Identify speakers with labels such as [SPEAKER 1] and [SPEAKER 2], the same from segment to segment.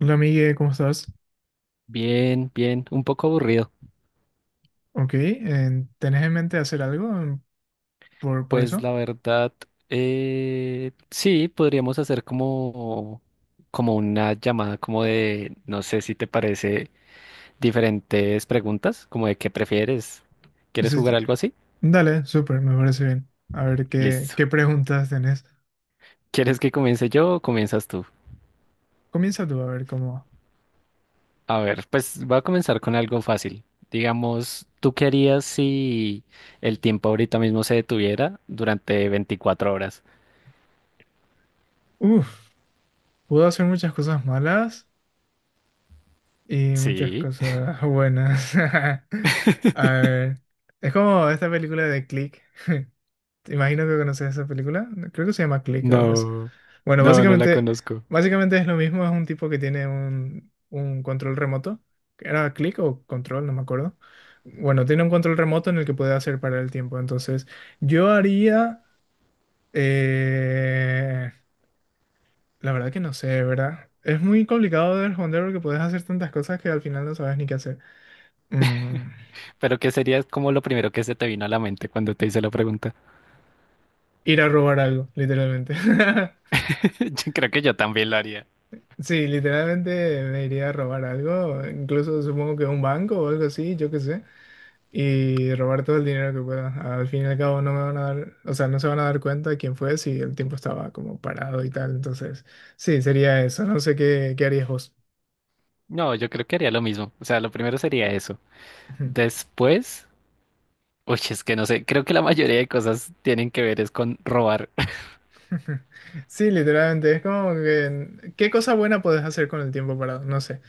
[SPEAKER 1] Hola, Migue, ¿cómo estás?
[SPEAKER 2] Bien, bien, un poco aburrido.
[SPEAKER 1] Ok, ¿tenés en mente hacer algo en- por
[SPEAKER 2] Pues
[SPEAKER 1] eso?
[SPEAKER 2] la verdad, sí, podríamos hacer como, como una llamada, como de, no sé si te parece, diferentes preguntas, como de qué prefieres. ¿Quieres
[SPEAKER 1] Sí,
[SPEAKER 2] jugar
[SPEAKER 1] sí.
[SPEAKER 2] algo así?
[SPEAKER 1] Dale, súper, me parece bien. A ver
[SPEAKER 2] Listo.
[SPEAKER 1] qué preguntas tenés.
[SPEAKER 2] ¿Quieres que comience yo o comienzas tú?
[SPEAKER 1] Comienza tú a ver cómo.
[SPEAKER 2] A ver, pues voy a comenzar con algo fácil. Digamos, ¿tú qué harías si el tiempo ahorita mismo se detuviera durante 24 horas?
[SPEAKER 1] Uf, puedo hacer muchas cosas malas y muchas
[SPEAKER 2] Sí.
[SPEAKER 1] cosas buenas. A ver, es como esta película de Click. Te imagino que conoces esa película. Creo que se llama Click o algo así.
[SPEAKER 2] No,
[SPEAKER 1] Bueno,
[SPEAKER 2] no, no la conozco.
[SPEAKER 1] básicamente es lo mismo. Es un tipo que tiene un control remoto. ¿Era Click o control? No me acuerdo. Bueno, tiene un control remoto en el que puede hacer parar el tiempo. Entonces, yo haría... eh, la verdad que no sé, ¿verdad? Es muy complicado de responder porque puedes hacer tantas cosas que al final no sabes ni qué hacer. Mm,
[SPEAKER 2] Pero ¿qué sería como lo primero que se te vino a la mente cuando te hice la pregunta?
[SPEAKER 1] ir a robar algo, literalmente.
[SPEAKER 2] Yo creo que yo también lo haría.
[SPEAKER 1] Sí, literalmente me iría a robar algo, incluso supongo que un banco o algo así, yo qué sé, y robar todo el dinero que pueda. Al fin y al cabo no me van a dar, o sea, no se van a dar cuenta de quién fue si el tiempo estaba como parado y tal. Entonces, sí, sería eso. No sé qué harías vos.
[SPEAKER 2] No, yo creo que haría lo mismo. O sea, lo primero sería eso. Después, uy, es que no sé, creo que la mayoría de cosas tienen que ver es con robar.
[SPEAKER 1] Sí, literalmente, es como que, ¿qué cosa buena puedes hacer con el tiempo parado? No sé,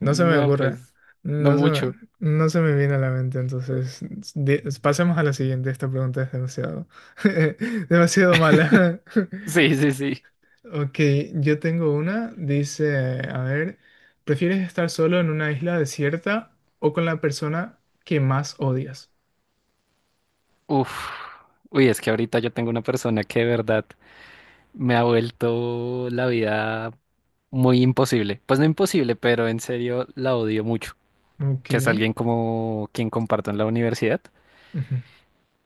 [SPEAKER 1] no se me
[SPEAKER 2] No,
[SPEAKER 1] ocurre,
[SPEAKER 2] pues, no
[SPEAKER 1] no se me,
[SPEAKER 2] mucho.
[SPEAKER 1] no se me viene a la mente, entonces pasemos a la siguiente, esta pregunta es demasiado, demasiado mala.
[SPEAKER 2] Sí, sí, sí.
[SPEAKER 1] Ok, yo tengo una, dice, a ver, ¿prefieres estar solo en una isla desierta o con la persona que más odias?
[SPEAKER 2] Uf. Uy, es que ahorita yo tengo una persona que de verdad me ha vuelto la vida muy imposible. Pues no imposible, pero en serio la odio mucho.
[SPEAKER 1] Ok,
[SPEAKER 2] Que es alguien como quien comparto en la universidad.
[SPEAKER 1] ujú,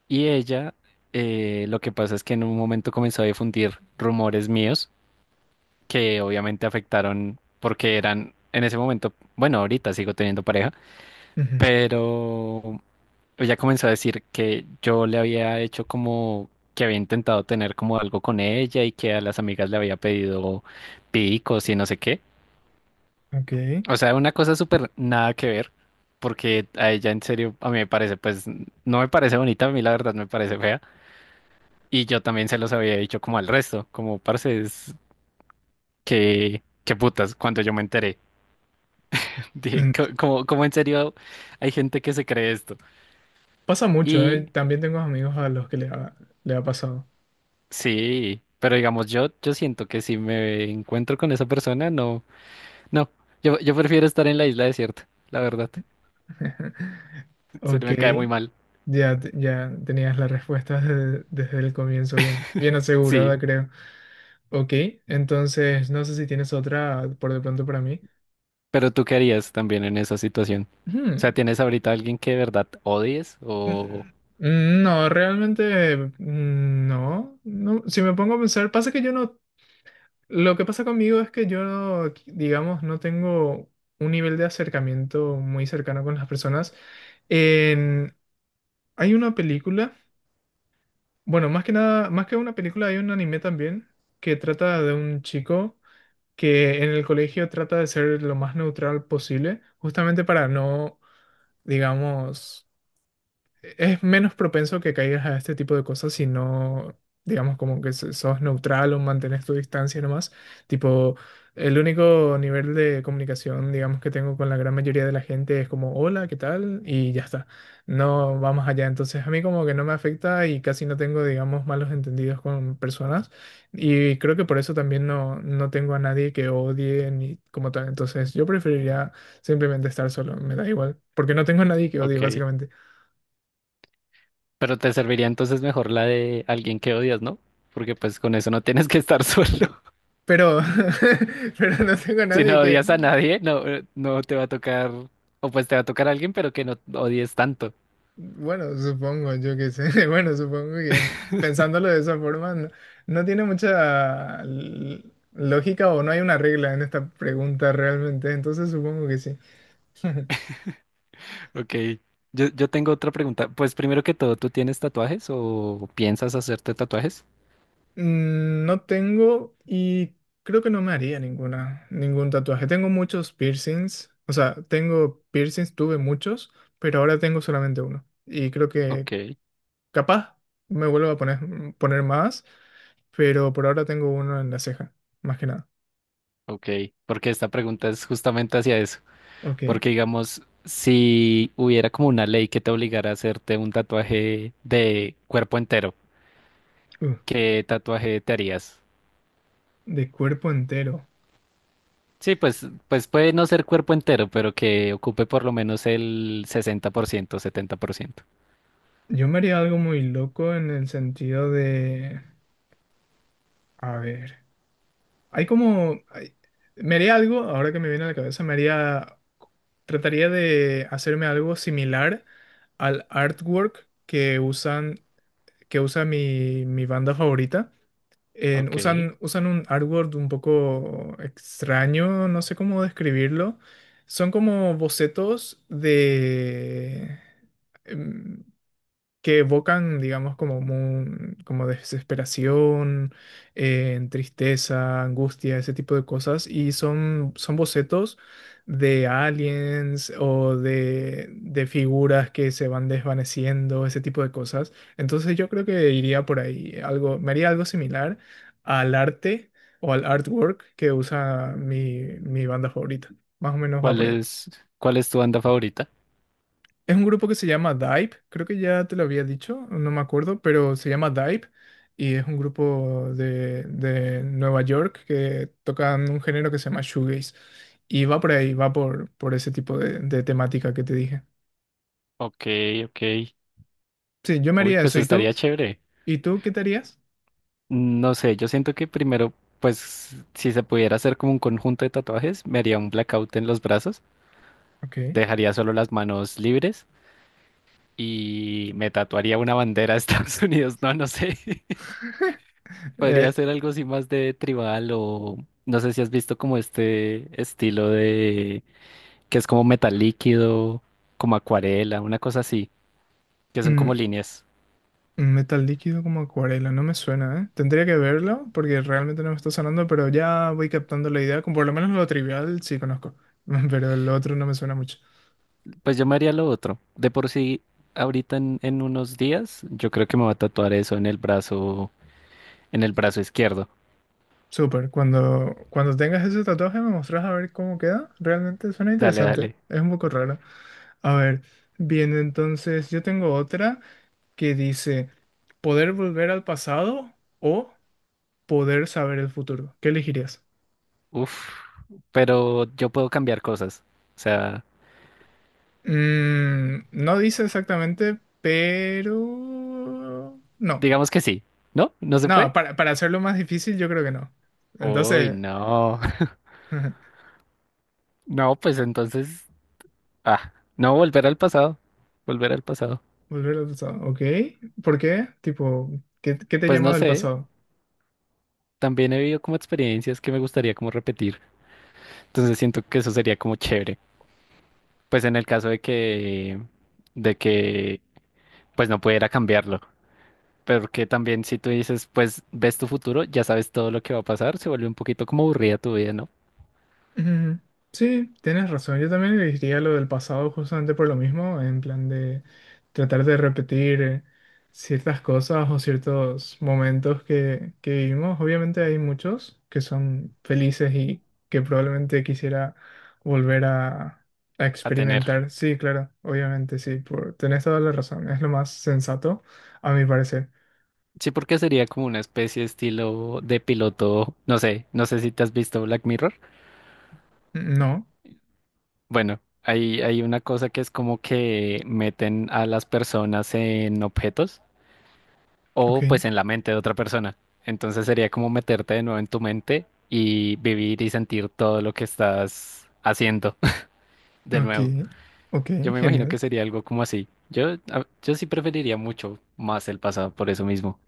[SPEAKER 2] Y ella, lo que pasa es que en un momento comenzó a difundir rumores míos que obviamente afectaron porque eran en ese momento, bueno, ahorita sigo teniendo pareja,
[SPEAKER 1] ujú,
[SPEAKER 2] pero ella comenzó a decir que yo le había hecho como que había intentado tener como algo con ella y que a las amigas le había pedido picos y no sé qué.
[SPEAKER 1] ok.
[SPEAKER 2] O sea, una cosa súper nada que ver, porque a ella en serio, a mí me parece, pues no me parece bonita, a mí la verdad me parece fea. Y yo también se los había dicho como al resto, como parce, es que, qué putas, cuando yo me enteré. Dije, "Co- cómo como en serio hay gente que se cree esto.
[SPEAKER 1] Pasa mucho, ¿eh?
[SPEAKER 2] Y
[SPEAKER 1] También tengo amigos a los que le ha pasado.
[SPEAKER 2] sí, pero digamos, yo siento que si me encuentro con esa persona, no, no, yo prefiero estar en la isla desierta, la verdad. Se
[SPEAKER 1] Ok,
[SPEAKER 2] me cae muy mal.
[SPEAKER 1] ya, ya tenías la respuesta desde, desde el comienzo bien, bien
[SPEAKER 2] Sí,
[SPEAKER 1] asegurada, creo. Ok, entonces no sé si tienes otra por de pronto para mí.
[SPEAKER 2] pero tú qué harías también en esa situación. O sea,
[SPEAKER 1] Hmm,
[SPEAKER 2] ¿tienes ahorita alguien que de verdad odies? O,
[SPEAKER 1] mm, no, realmente no, no. Si me pongo a pensar, pasa que yo no, lo que pasa conmigo es que yo, no, digamos, no tengo un nivel de acercamiento muy cercano con las personas. En- hay una película, bueno, más que nada, más que una película, hay un anime también que trata de un chico que en el colegio trata de ser lo más neutral posible, justamente para no, digamos, es menos propenso que caigas a este tipo de cosas si no, digamos, como que sos neutral o mantienes tu distancia nomás. Tipo, el único nivel de comunicación, digamos, que tengo con la gran mayoría de la gente es como, hola, ¿qué tal? Y ya está. No vamos allá. Entonces, a mí como que no me afecta y casi no tengo, digamos, malos entendidos con personas. Y creo que por eso también no, no tengo a nadie que odie ni como tal. Entonces, yo preferiría simplemente estar solo. Me da igual. Porque no tengo a nadie que odie,
[SPEAKER 2] ok.
[SPEAKER 1] básicamente.
[SPEAKER 2] Pero te serviría entonces mejor la de alguien que odias, ¿no? Porque pues con eso no tienes que estar solo.
[SPEAKER 1] Pero, pero no tengo a
[SPEAKER 2] Si
[SPEAKER 1] nadie
[SPEAKER 2] no
[SPEAKER 1] que,
[SPEAKER 2] odias a nadie, no, no te va a tocar, o pues te va a tocar a alguien, pero que no odies tanto.
[SPEAKER 1] bueno, supongo, yo qué sé, bueno, supongo que pensándolo de esa forma, no, no tiene mucha lógica o no hay una regla en esta pregunta realmente, entonces supongo que sí.
[SPEAKER 2] Ok. Yo tengo otra pregunta. Pues primero que todo, ¿tú tienes tatuajes o piensas hacerte tatuajes?
[SPEAKER 1] Mm, no tengo y creo que no me haría ningún tatuaje. Tengo muchos piercings, o sea, tengo piercings, tuve muchos, pero ahora tengo solamente uno. Y creo que
[SPEAKER 2] Ok,
[SPEAKER 1] capaz me vuelvo a poner, poner más, pero por ahora tengo uno en la ceja, más que nada.
[SPEAKER 2] ok. Porque esta pregunta es justamente hacia eso.
[SPEAKER 1] Ok.
[SPEAKER 2] Porque digamos, si hubiera como una ley que te obligara a hacerte un tatuaje de cuerpo entero,
[SPEAKER 1] Uh,
[SPEAKER 2] ¿qué tatuaje te harías?
[SPEAKER 1] de cuerpo entero.
[SPEAKER 2] Sí, pues, pues puede no ser cuerpo entero, pero que ocupe por lo menos el 60%, 70%.
[SPEAKER 1] Yo me haría algo muy loco en el sentido de... A ver. Hay como... me haría algo, ahora que me viene a la cabeza, me haría... Trataría de hacerme algo similar al artwork que usa mi banda favorita.
[SPEAKER 2] Ok.
[SPEAKER 1] Usan un artwork un poco extraño, no sé cómo describirlo. Son como bocetos de... em, que evocan, digamos, como, como desesperación, tristeza, angustia, ese tipo de cosas, y son, son bocetos de aliens o de figuras que se van desvaneciendo, ese tipo de cosas. Entonces yo creo que iría por ahí, algo, me haría algo similar al arte o al artwork que usa mi banda favorita. Más o menos va
[SPEAKER 2] ¿Cuál
[SPEAKER 1] por ahí.
[SPEAKER 2] es? ¿Cuál es tu banda favorita?
[SPEAKER 1] Es un grupo que se llama Dive, creo que ya te lo había dicho, no me acuerdo, pero se llama Dive y es un grupo de Nueva York que tocan un género que se llama shoegaze y va por ahí, va por ese tipo de temática que te dije.
[SPEAKER 2] Ok, ok.
[SPEAKER 1] Sí, yo me
[SPEAKER 2] Uy,
[SPEAKER 1] haría
[SPEAKER 2] pues
[SPEAKER 1] eso. ¿Y tú?
[SPEAKER 2] estaría chévere.
[SPEAKER 1] ¿Y tú qué te harías?
[SPEAKER 2] No sé, yo siento que primero, pues si se pudiera hacer como un conjunto de tatuajes, me haría un blackout en los brazos,
[SPEAKER 1] Ok.
[SPEAKER 2] dejaría solo las manos libres y me tatuaría una bandera de Estados Unidos. No, no sé. Podría
[SPEAKER 1] Eh,
[SPEAKER 2] ser algo así más de tribal o no sé si has visto como este estilo de que es como metal líquido, como acuarela, una cosa así, que son como
[SPEAKER 1] mm,
[SPEAKER 2] líneas.
[SPEAKER 1] metal líquido como acuarela, no me suena, ¿eh? Tendría que verlo porque realmente no me está sonando, pero ya voy captando la idea, como por lo menos lo trivial sí conozco, pero el otro no me suena mucho.
[SPEAKER 2] Pues yo me haría lo otro. De por sí, ahorita en unos días, yo creo que me va a tatuar eso en el brazo izquierdo.
[SPEAKER 1] Súper, cuando tengas ese tatuaje me mostrás a ver cómo queda. Realmente suena
[SPEAKER 2] Dale,
[SPEAKER 1] interesante,
[SPEAKER 2] dale.
[SPEAKER 1] es un poco raro. A ver, bien, entonces yo tengo otra que dice, ¿poder volver al pasado o poder saber el futuro? ¿Qué elegirías?
[SPEAKER 2] Uf, pero yo puedo cambiar cosas. O sea,
[SPEAKER 1] Mm, no dice exactamente, pero... No,
[SPEAKER 2] digamos que sí. ¿No? ¿No se
[SPEAKER 1] no,
[SPEAKER 2] puede?
[SPEAKER 1] para hacerlo más difícil yo creo que no.
[SPEAKER 2] Uy,
[SPEAKER 1] Entonces,
[SPEAKER 2] no. No, pues entonces ah, no, volver al pasado, volver al pasado.
[SPEAKER 1] volver al pasado, ¿ok? ¿Por qué? Tipo, ¿qué te
[SPEAKER 2] Pues
[SPEAKER 1] llama
[SPEAKER 2] no
[SPEAKER 1] del
[SPEAKER 2] sé,
[SPEAKER 1] pasado?
[SPEAKER 2] también he vivido como experiencias que me gustaría como repetir. Entonces siento que eso sería como chévere. Pues en el caso de que, pues no pudiera cambiarlo. Porque también si tú dices, pues ves tu futuro, ya sabes todo lo que va a pasar, se vuelve un poquito como aburrida tu vida, ¿no?
[SPEAKER 1] Ujú. Sí, tienes razón. Yo también elegiría lo del pasado justamente por lo mismo, en plan de tratar de repetir ciertas cosas o ciertos momentos que vivimos. Obviamente hay muchos que son felices y que probablemente quisiera volver a
[SPEAKER 2] A tener.
[SPEAKER 1] experimentar. Sí, claro, obviamente sí, por, tenés toda la razón. Es lo más sensato, a mi parecer.
[SPEAKER 2] Sí, porque sería como una especie estilo de piloto, no sé, no sé si te has visto Black Mirror.
[SPEAKER 1] No,
[SPEAKER 2] Bueno, hay una cosa que es como que meten a las personas en objetos
[SPEAKER 1] ok,
[SPEAKER 2] o pues en la mente de otra persona. Entonces sería como meterte de nuevo en tu mente y vivir y sentir todo lo que estás haciendo de
[SPEAKER 1] ok,
[SPEAKER 2] nuevo.
[SPEAKER 1] ok,
[SPEAKER 2] Yo me imagino
[SPEAKER 1] genial.
[SPEAKER 2] que sería algo como así. Yo, a- yo sí preferiría mucho más el pasado por eso mismo.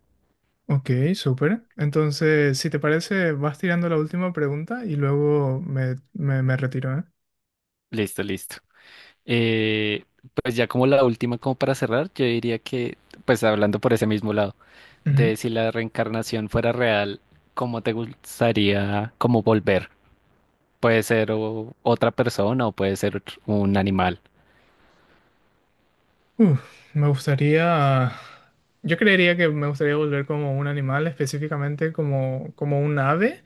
[SPEAKER 1] Ok, súper. Entonces, si te parece, vas tirando la última pregunta y luego me, me retiro, ¿eh?
[SPEAKER 2] Listo, listo. Eh, pues ya como la última, como para cerrar, yo diría que, pues hablando por ese mismo lado,
[SPEAKER 1] Ujú.
[SPEAKER 2] de si la reencarnación fuera real, ¿cómo te gustaría como volver? Puede ser o- otra persona o puede ser otro- un animal.
[SPEAKER 1] Uf, me gustaría... Yo creería que me gustaría volver como un animal, específicamente como un ave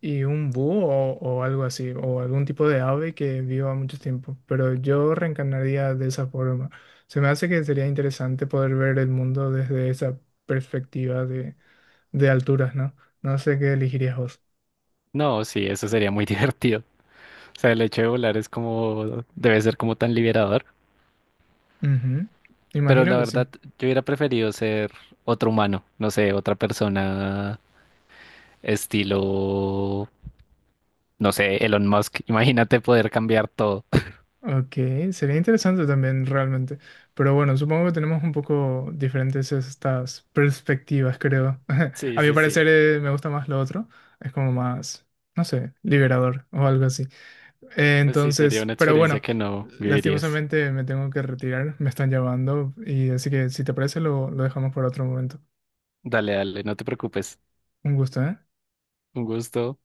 [SPEAKER 1] y un búho o algo así, o algún tipo de ave que viva mucho tiempo, pero yo reencarnaría de esa forma. Se me hace que sería interesante poder ver el mundo desde esa perspectiva de alturas, ¿no? No sé qué elegirías vos.
[SPEAKER 2] No, sí, eso sería muy divertido. O sea, el hecho de volar es como, debe ser como tan liberador.
[SPEAKER 1] Ujú,
[SPEAKER 2] Pero
[SPEAKER 1] imagino
[SPEAKER 2] la
[SPEAKER 1] que sí.
[SPEAKER 2] verdad, yo hubiera preferido ser otro humano, no sé, otra persona estilo, no sé, Elon Musk. Imagínate poder cambiar todo.
[SPEAKER 1] Ok, sería interesante también realmente. Pero bueno, supongo que tenemos un poco diferentes estas perspectivas, creo.
[SPEAKER 2] Sí,
[SPEAKER 1] A mi
[SPEAKER 2] sí,
[SPEAKER 1] parecer
[SPEAKER 2] sí.
[SPEAKER 1] me gusta más lo otro. Es como más, no sé, liberador o algo así.
[SPEAKER 2] Pues sí, sería una
[SPEAKER 1] Entonces, pero
[SPEAKER 2] experiencia
[SPEAKER 1] bueno,
[SPEAKER 2] que no vivirías.
[SPEAKER 1] lastimosamente me tengo que retirar. Me están llamando y así que si te parece lo dejamos para otro momento.
[SPEAKER 2] Dale, dale, no te preocupes.
[SPEAKER 1] Un gusto, ¿eh?
[SPEAKER 2] Un gusto.